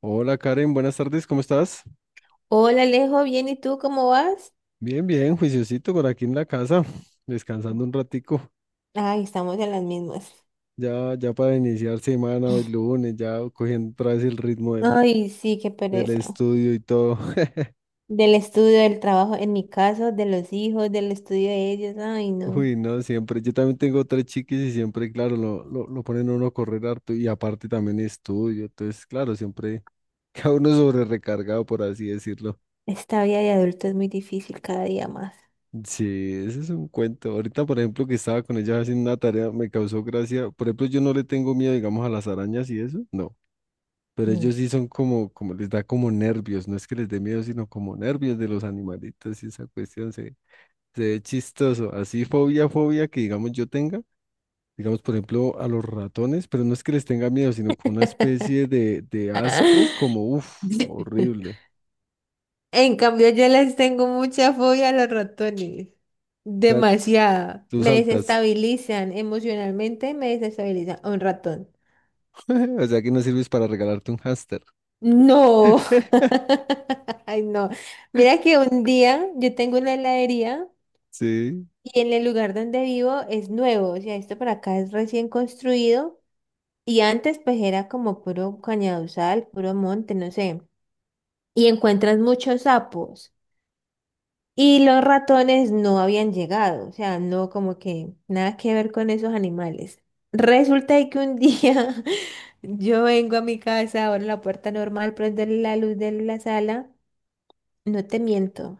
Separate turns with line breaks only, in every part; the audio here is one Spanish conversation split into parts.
Hola Karen, buenas tardes, ¿cómo estás?
Hola Alejo, bien, ¿y tú cómo vas?
Bien, bien, juiciosito por aquí en la casa, descansando un ratico,
Ay, estamos en las mismas.
ya, ya para iniciar semana o el lunes, ya cogiendo otra vez el ritmo del,
Ay, sí, qué
del
pereza.
estudio y todo.
Del estudio, del trabajo, en mi caso, de los hijos, del estudio de ellos. Ay, no.
Uy, no, siempre, yo también tengo tres chiquis y siempre, claro, lo ponen a uno a correr harto y aparte también estudio, entonces, claro, siempre cada uno sobre recargado, por así decirlo.
Esta vida de adulto es muy difícil cada día más.
Sí, ese es un cuento. Ahorita, por ejemplo, que estaba con ella haciendo una tarea, me causó gracia. Por ejemplo, yo no le tengo miedo, digamos, a las arañas y eso. No. Pero
Mm.
ellos sí son como, como les da como nervios, no es que les dé miedo, sino como nervios de los animalitos y esa cuestión se ve chistoso. Así fobia que digamos yo tenga, digamos por ejemplo a los ratones, pero no es que les tenga miedo, sino como una especie de asco, como uff, horrible.
En cambio, yo les tengo mucha fobia a los ratones.
O sea,
Demasiada.
tú
Me
saltas,
desestabilizan emocionalmente, me desestabiliza un ratón.
o sea que no sirves para regalarte un hámster.
No, ay no. Mira que un día yo tengo una heladería
Sí,
y en el lugar donde vivo es nuevo, o sea, esto por acá es recién construido y antes pues era como puro cañaduzal, puro monte, no sé. Y encuentras muchos sapos y los ratones no habían llegado, o sea, no como que nada que ver con esos animales. Resulta de que un día yo vengo a mi casa, abro la puerta normal, prendo la luz de la sala. No te miento.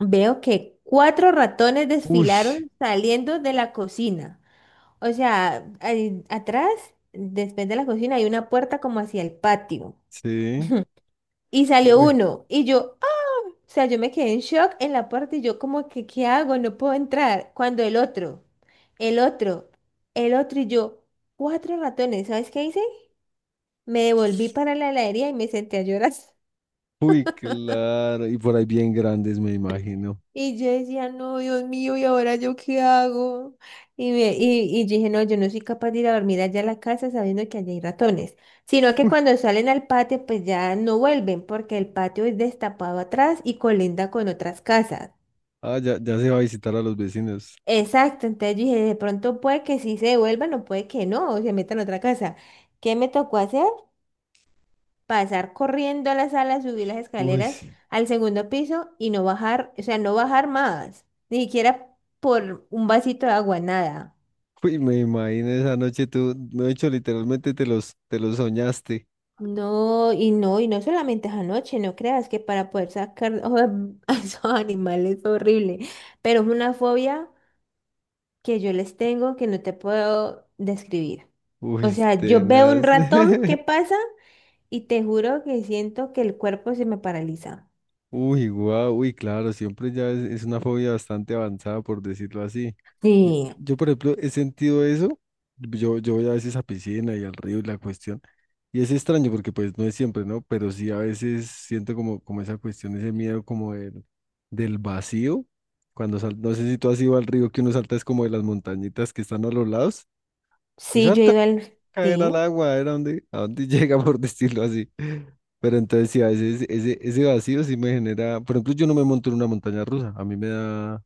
Veo que cuatro ratones
uy,
desfilaron saliendo de la cocina. O sea, ahí atrás, después de la cocina, hay una puerta como hacia el patio.
sí,
Y salió
uy,
uno. Y yo, ¡ah! O sea, yo me quedé en shock en la puerta y yo como que, ¿qué hago? No puedo entrar. Cuando el otro, el otro, el otro y yo, cuatro ratones. ¿Sabes qué hice? Me devolví para la heladería y me senté a llorar.
uy, claro, y por ahí bien grandes me imagino.
Y yo decía, no, Dios mío, ¿y ahora yo qué hago? Y yo dije, no, yo no soy capaz de ir a dormir allá a la casa sabiendo que allá hay ratones. Sino que cuando salen al patio, pues ya no vuelven, porque el patio es destapado atrás y colinda con otras casas.
Ah, ya, ya se va a visitar a los vecinos.
Exacto, entonces yo dije, de pronto puede que sí se devuelvan o puede que no, se metan a otra casa. ¿Qué me tocó hacer? Pasar corriendo a la sala, subir las
Uy,
escaleras
sí.
al segundo piso y no bajar, o sea, no bajar más, ni siquiera por un vasito de agua, nada.
Uy, me imagino esa noche tú, de hecho, literalmente te los soñaste.
No, y no, y no solamente es anoche, no creas que para poder sacar a esos animales es horrible, pero es una fobia que yo les tengo que no te puedo describir.
Uy,
O sea, yo veo un
tenaz.
ratón que pasa y te juro que siento que el cuerpo se me paraliza.
Uy, guau, uy, claro, siempre ya es una fobia bastante avanzada, por decirlo así. Yo,
Sí,
yo, por ejemplo, he sentido eso. Yo voy a veces a piscina y al río y la cuestión. Y es extraño porque pues no es siempre, ¿no? Pero sí a veces siento como, como esa cuestión, ese miedo como del vacío. Cuando sal, no sé si tú has ido al río que uno salta es como de las montañitas que están a los lados. Y
sí, yo
salta a
iba al...
caer al
Sí.
agua, era donde, a donde llega, por decirlo así. Pero entonces sí, a veces ese, ese vacío sí me genera, por ejemplo, yo no me monto en una montaña rusa, a mí me da,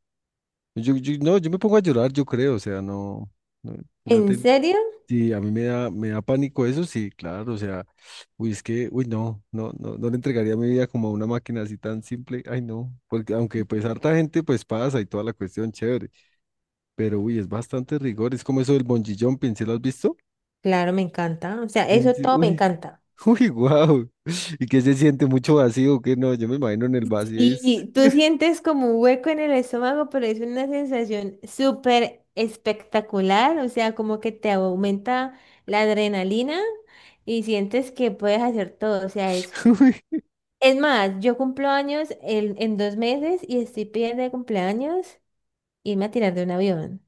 no, yo me pongo a llorar, yo creo, o sea, no, no, no
¿En
te-
serio?
sí, a mí me da pánico eso, sí, claro, o sea, uy, es que, uy, no, no, no, no le entregaría mi vida como a una máquina así tan simple, ay, no, porque aunque pues harta gente pues pasa y toda la cuestión, chévere, pero uy, es bastante rigor, es como eso del bungee jumping, ¿sí lo has visto?
Claro, me encanta. O sea,
En
eso
serio,
todo me
uy,
encanta.
uy, wow. ¿Y qué se siente mucho vacío? Que no, yo me imagino en el vacío es
Y tú sientes como un hueco en el estómago, pero es una sensación súper espectacular. O sea, como que te aumenta la adrenalina y sientes que puedes hacer todo. O sea, es...
uy,
Es más, yo cumplo años en dos meses y estoy pidiendo de cumpleaños irme a tirar de un avión.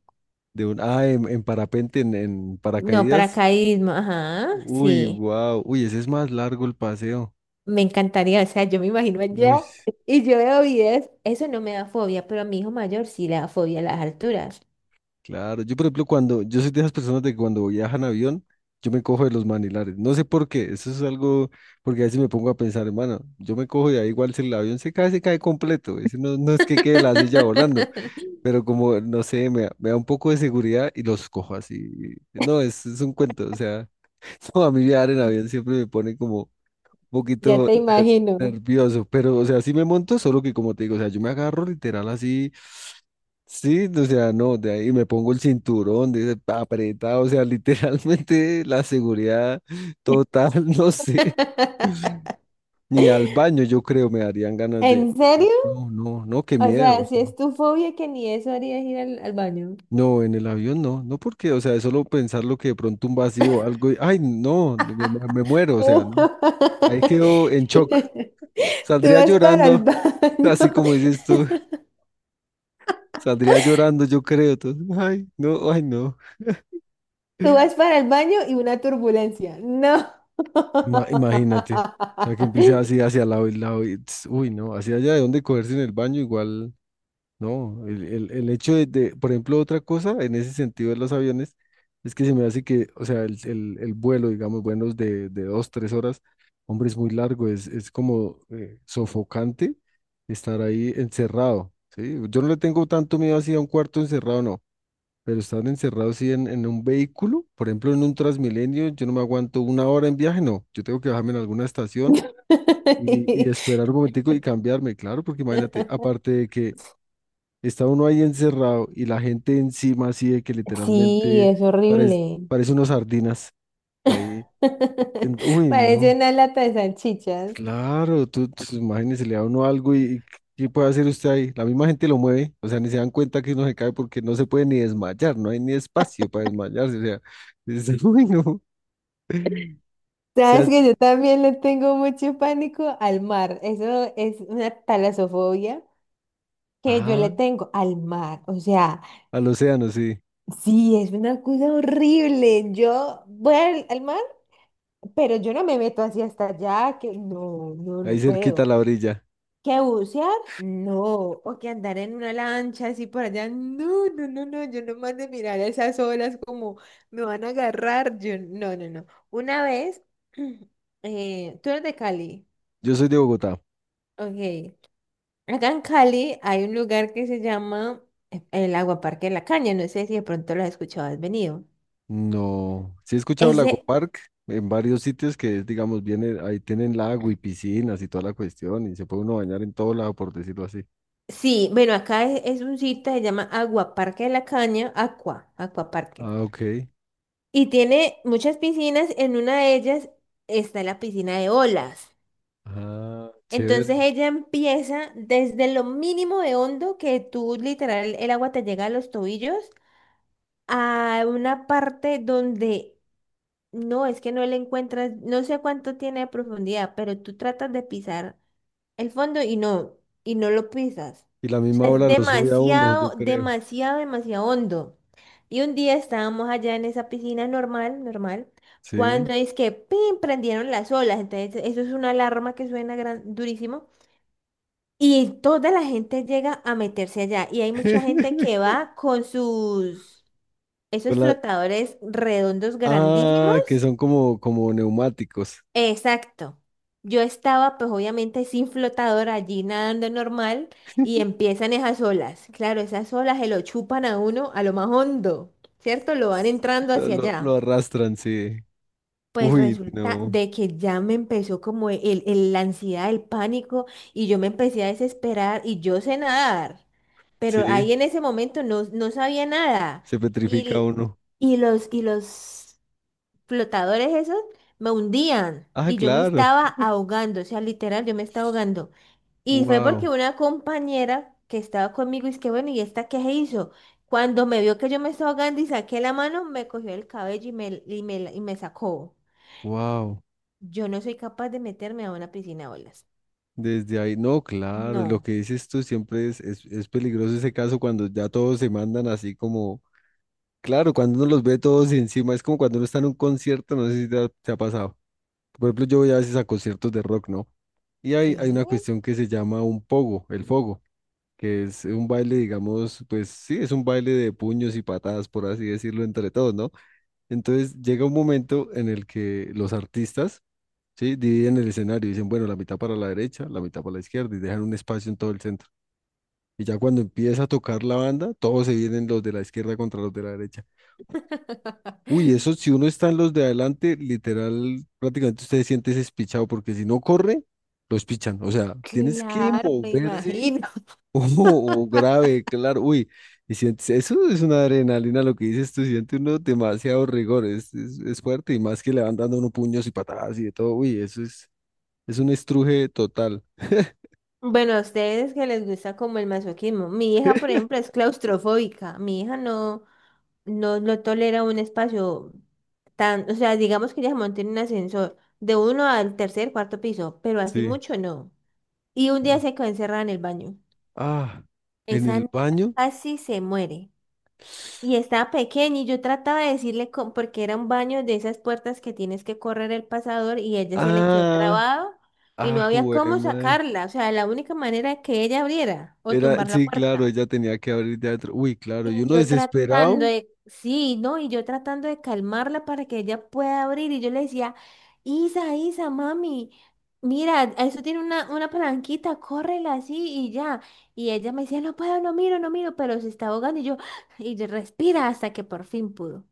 de un ah, en parapente, en
No,
paracaídas.
paracaidismo, ajá,
Uy,
sí.
wow. Uy, ese es más largo el paseo.
Me encantaría, o sea, yo me imagino
Uy,
allá y yo veo videos. Eso no me da fobia, pero a mi hijo mayor sí le da fobia a las alturas.
claro. Yo, por ejemplo, cuando yo soy de esas personas de que cuando viajan en avión, yo me cojo de los manilares. No sé por qué. Eso es algo porque a veces me pongo a pensar, hermano, yo me cojo y ahí igual si el avión se cae completo. Ese no, no es que quede la silla volando. Pero como, no sé, me da un poco de seguridad y los cojo así. No, es un cuento, o sea, no, a mí viajar en avión siempre me pone como un
Ya
poquito
te imagino.
nervioso, pero, o sea, sí me monto, solo que como te digo, o sea, yo me agarro literal así, sí, o sea, no, de ahí me pongo el cinturón, apretado, o sea, literalmente la seguridad total, no sé, ni al baño yo creo me darían ganas de,
¿En serio?
no, no, no, qué
O
miedo.
sea, si es tu fobia que ni eso harías ir al, al baño.
No, en el avión no, no porque, o sea, es solo pensar lo que de pronto un vacío, algo, y, ay, no, no, me muero, o sea, no.
Uh.
Ahí quedo en shock.
Tú
Saldría
vas para el
llorando,
baño.
así como dices tú, saldría llorando, yo creo. Entonces, ay, no, ay, no.
Tú vas para el baño y una turbulencia. No.
Imagínate, o sea, que empiece así hacia lado y lado, y, ts, uy, no, hacia allá de donde cogerse en el baño, igual. No, el hecho de, por ejemplo, otra cosa en ese sentido de los aviones es que se me hace que, o sea, el vuelo, digamos, vuelos de dos, tres horas, hombre, es muy largo, es como sofocante estar ahí encerrado, ¿sí? Yo no le tengo tanto miedo así a un cuarto encerrado, no, pero estar encerrado así en un vehículo, por ejemplo, en un Transmilenio, yo no me aguanto una hora en viaje, no, yo tengo que bajarme en alguna estación y esperar un momentico y cambiarme, claro, porque imagínate, aparte de que está uno ahí encerrado y la gente encima así de que
Sí,
literalmente
es
parece,
horrible.
parece unos sardinas ahí. Uy,
Parece
no.
una lata de salchichas.
Claro, tú imagínese, le da a uno algo y ¿qué puede hacer usted ahí? La misma gente lo mueve, o sea, ni se dan cuenta que uno se cae porque no se puede ni desmayar, no hay ni espacio para desmayarse, o sea, es, uy, no. O
Sabes
sea,
que yo también le tengo mucho pánico al mar. Eso es una talasofobia que yo le
ah,
tengo al mar. O sea,
al océano, sí,
sí, es una cosa horrible. Yo voy al, al mar, pero yo no me meto así hasta allá, que no, no, no
ahí cerquita a
puedo.
la orilla.
¿Que bucear? No. O que andar en una lancha así por allá. No, no, no, no. Yo nomás de mirar esas olas como me van a agarrar. Yo, no, no, no. Una vez, tú eres de Cali.
Yo soy de Bogotá.
Ok. Acá en Cali hay un lugar que se llama el Aguaparque de la Caña. No sé si de pronto lo has escuchado, has venido.
No, sí he escuchado Lago
Ese,
Park en varios sitios que es, digamos, viene, ahí tienen lago y piscinas y toda la cuestión y se puede uno bañar en todo lado, por decirlo así.
sí, bueno, acá es un sitio que se llama Aguaparque de la Caña, Aqua, Aquaparque.
Ah, ok.
Y tiene muchas piscinas, en una de ellas está la piscina de olas.
Ah, chévere.
Entonces ella empieza desde lo mínimo de hondo que tú literal el agua te llega a los tobillos a una parte donde no, es que no le encuentras, no sé cuánto tiene de profundidad, pero tú tratas de pisar el fondo y no lo pisas.
Y la
O
misma
sea, es
ola lo sube a uno, yo
demasiado,
creo.
demasiado, demasiado hondo. Y un día estábamos allá en esa piscina normal, normal,
Sí.
cuando es que ¡pim! Prendieron las olas. Entonces, eso es una alarma que suena gran, durísimo. Y toda la gente llega a meterse allá. Y hay mucha gente que va con sus, esos
Con la...
flotadores redondos
Ah, que
grandísimos.
son como, como neumáticos.
Exacto. Yo estaba, pues obviamente sin flotador allí nadando normal y empiezan esas olas. Claro, esas olas se lo chupan a uno a lo más hondo, ¿cierto? Lo van entrando hacia
Lo
allá.
arrastran, sí.
Pues
Uy,
resulta
no.
de que ya me empezó como la ansiedad, el pánico y yo me empecé a desesperar y yo sé nadar, pero ahí
Sí,
en ese momento no, no sabía nada.
se petrifica
Y,
uno.
y los flotadores esos me hundían
Ah,
y yo me
claro.
estaba ahogando, o sea, literal, yo me estaba ahogando. Y fue porque
Wow,
una compañera que estaba conmigo, y es que bueno, ¿y esta qué se hizo? Cuando me vio que yo me estaba ahogando y saqué la mano, me cogió el cabello y me sacó.
wow.
Yo no soy capaz de meterme a una piscina de olas.
Desde ahí, no, claro, lo
No.
que dices tú siempre es peligroso ese caso cuando ya todos se mandan así como, claro, cuando uno los ve todos encima, es como cuando uno está en un concierto, no sé si te ha, te ha pasado. Por ejemplo, yo voy a veces a conciertos de rock, ¿no? Y hay
Sí.
una cuestión que se llama un pogo, el fogo, que es un baile, digamos, pues sí, es un baile de puños y patadas, por así decirlo, entre todos, ¿no? Entonces llega un momento en el que los artistas sí, dividen el escenario, dicen, bueno, la mitad para la derecha, la mitad para la izquierda y dejan un espacio en todo el centro. Y ya cuando empieza a tocar la banda, todos se vienen los de la izquierda contra los de la derecha. Uy, eso si uno está en los de adelante, literal, prácticamente usted se siente despichado porque si no corre, los pichan. O sea, tienes que
Claro, me
moverse
imagino.
o, o grave, claro. Uy, y sientes, eso es una adrenalina lo que dices tú, siente uno demasiado rigor, es fuerte y más que le van dando unos puños y patadas y de todo. Uy, eso es un estruje total.
Bueno, a ustedes que les gusta como el masoquismo. Mi hija, por ejemplo, es claustrofóbica. Mi hija no, no, no tolera un espacio tan, o sea, digamos que ella se monta en un ascensor de uno al tercer, cuarto piso, pero así
Sí.
mucho no. Y un día
Uy.
se quedó encerrada en el baño.
Ah, en
Esa
el
niña
baño.
casi se muere. Y estaba pequeña y yo trataba de decirle, porque era un baño de esas puertas que tienes que correr el pasador y ella se le quedó
Ah,
trabado y
ah,
no había cómo
jueman.
sacarla. O sea, la única manera era que ella abriera o
Era,
tumbar la
sí, claro,
puerta.
ella tenía que abrir de adentro. Uy, claro,
Y
y uno
yo tratando
desesperado.
de, sí, ¿no? Y yo tratando de calmarla para que ella pueda abrir. Y yo le decía, Isa, Isa, mami, mira, eso tiene una palanquita, córrela así y ya. Y ella me decía, no puedo, no miro, no miro, pero se está ahogando. Y yo respira hasta que por fin pudo.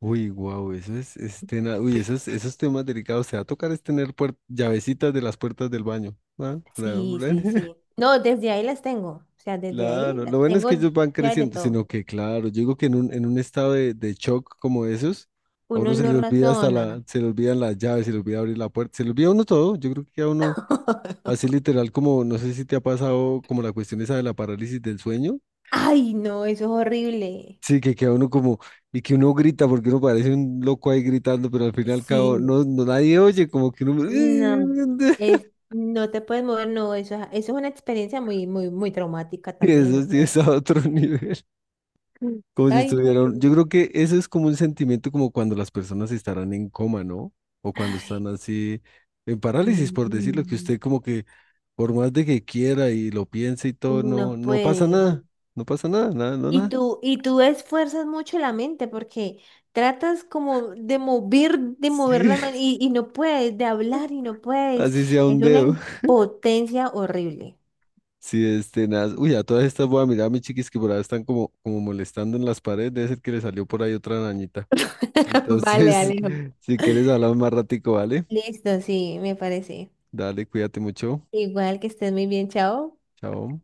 Uy, wow, eso es, uy, esos, esos temas delicados. Se va a tocar es tener llavecitas de las puertas del baño. Ah,
Sí, sí,
bra.
sí. No, desde ahí las tengo. O sea, desde ahí
Claro, lo
las
bueno es que
tengo
ellos van
ya de
creciendo,
todo.
sino que claro, yo digo que en un estado de shock como esos, a uno
Uno
se
no
le olvida hasta
razona.
la, se le olvidan las llaves, se le olvida abrir la puerta, se le olvida a uno todo, yo creo que a uno así literal como, no sé si te ha pasado como la cuestión esa de la parálisis del sueño,
Ay, no, eso es horrible.
sí, que queda uno como, y que uno grita porque uno parece un loco ahí gritando, pero al fin y al cabo
Sí,
no, no nadie oye, como que uno,
no. Es, no te puedes mover, no, eso, eso es una experiencia muy, muy, muy traumática también,
eso
no
sí es
creo.
a otro nivel. Como si
Ay, no, que...
estuvieran,
no.
yo creo que eso es como un sentimiento como cuando las personas estarán en coma, ¿no? O cuando están así en
Sí,
parálisis, por decirlo, que
no
usted como que por más de que quiera y lo piense y todo, no,
no
no pasa
puede.
nada, no pasa nada, nada, no nada.
Y tú esfuerzas mucho la mente porque tratas como de mover
Sí,
la mano y no puedes, de hablar y no puedes.
así sea un
Es una
dedo.
impotencia horrible.
Sí, este, nada. Uy, a todas estas voy a mirar a mis chiquis que por ahí están como, como molestando en las paredes, debe ser que le salió por ahí otra arañita.
Vale,
Entonces,
Alejo.
si quieres hablar más ratico, ¿vale?
Listo, sí, me parece.
Dale, cuídate mucho.
Igual que estés muy bien, chao.
Chao.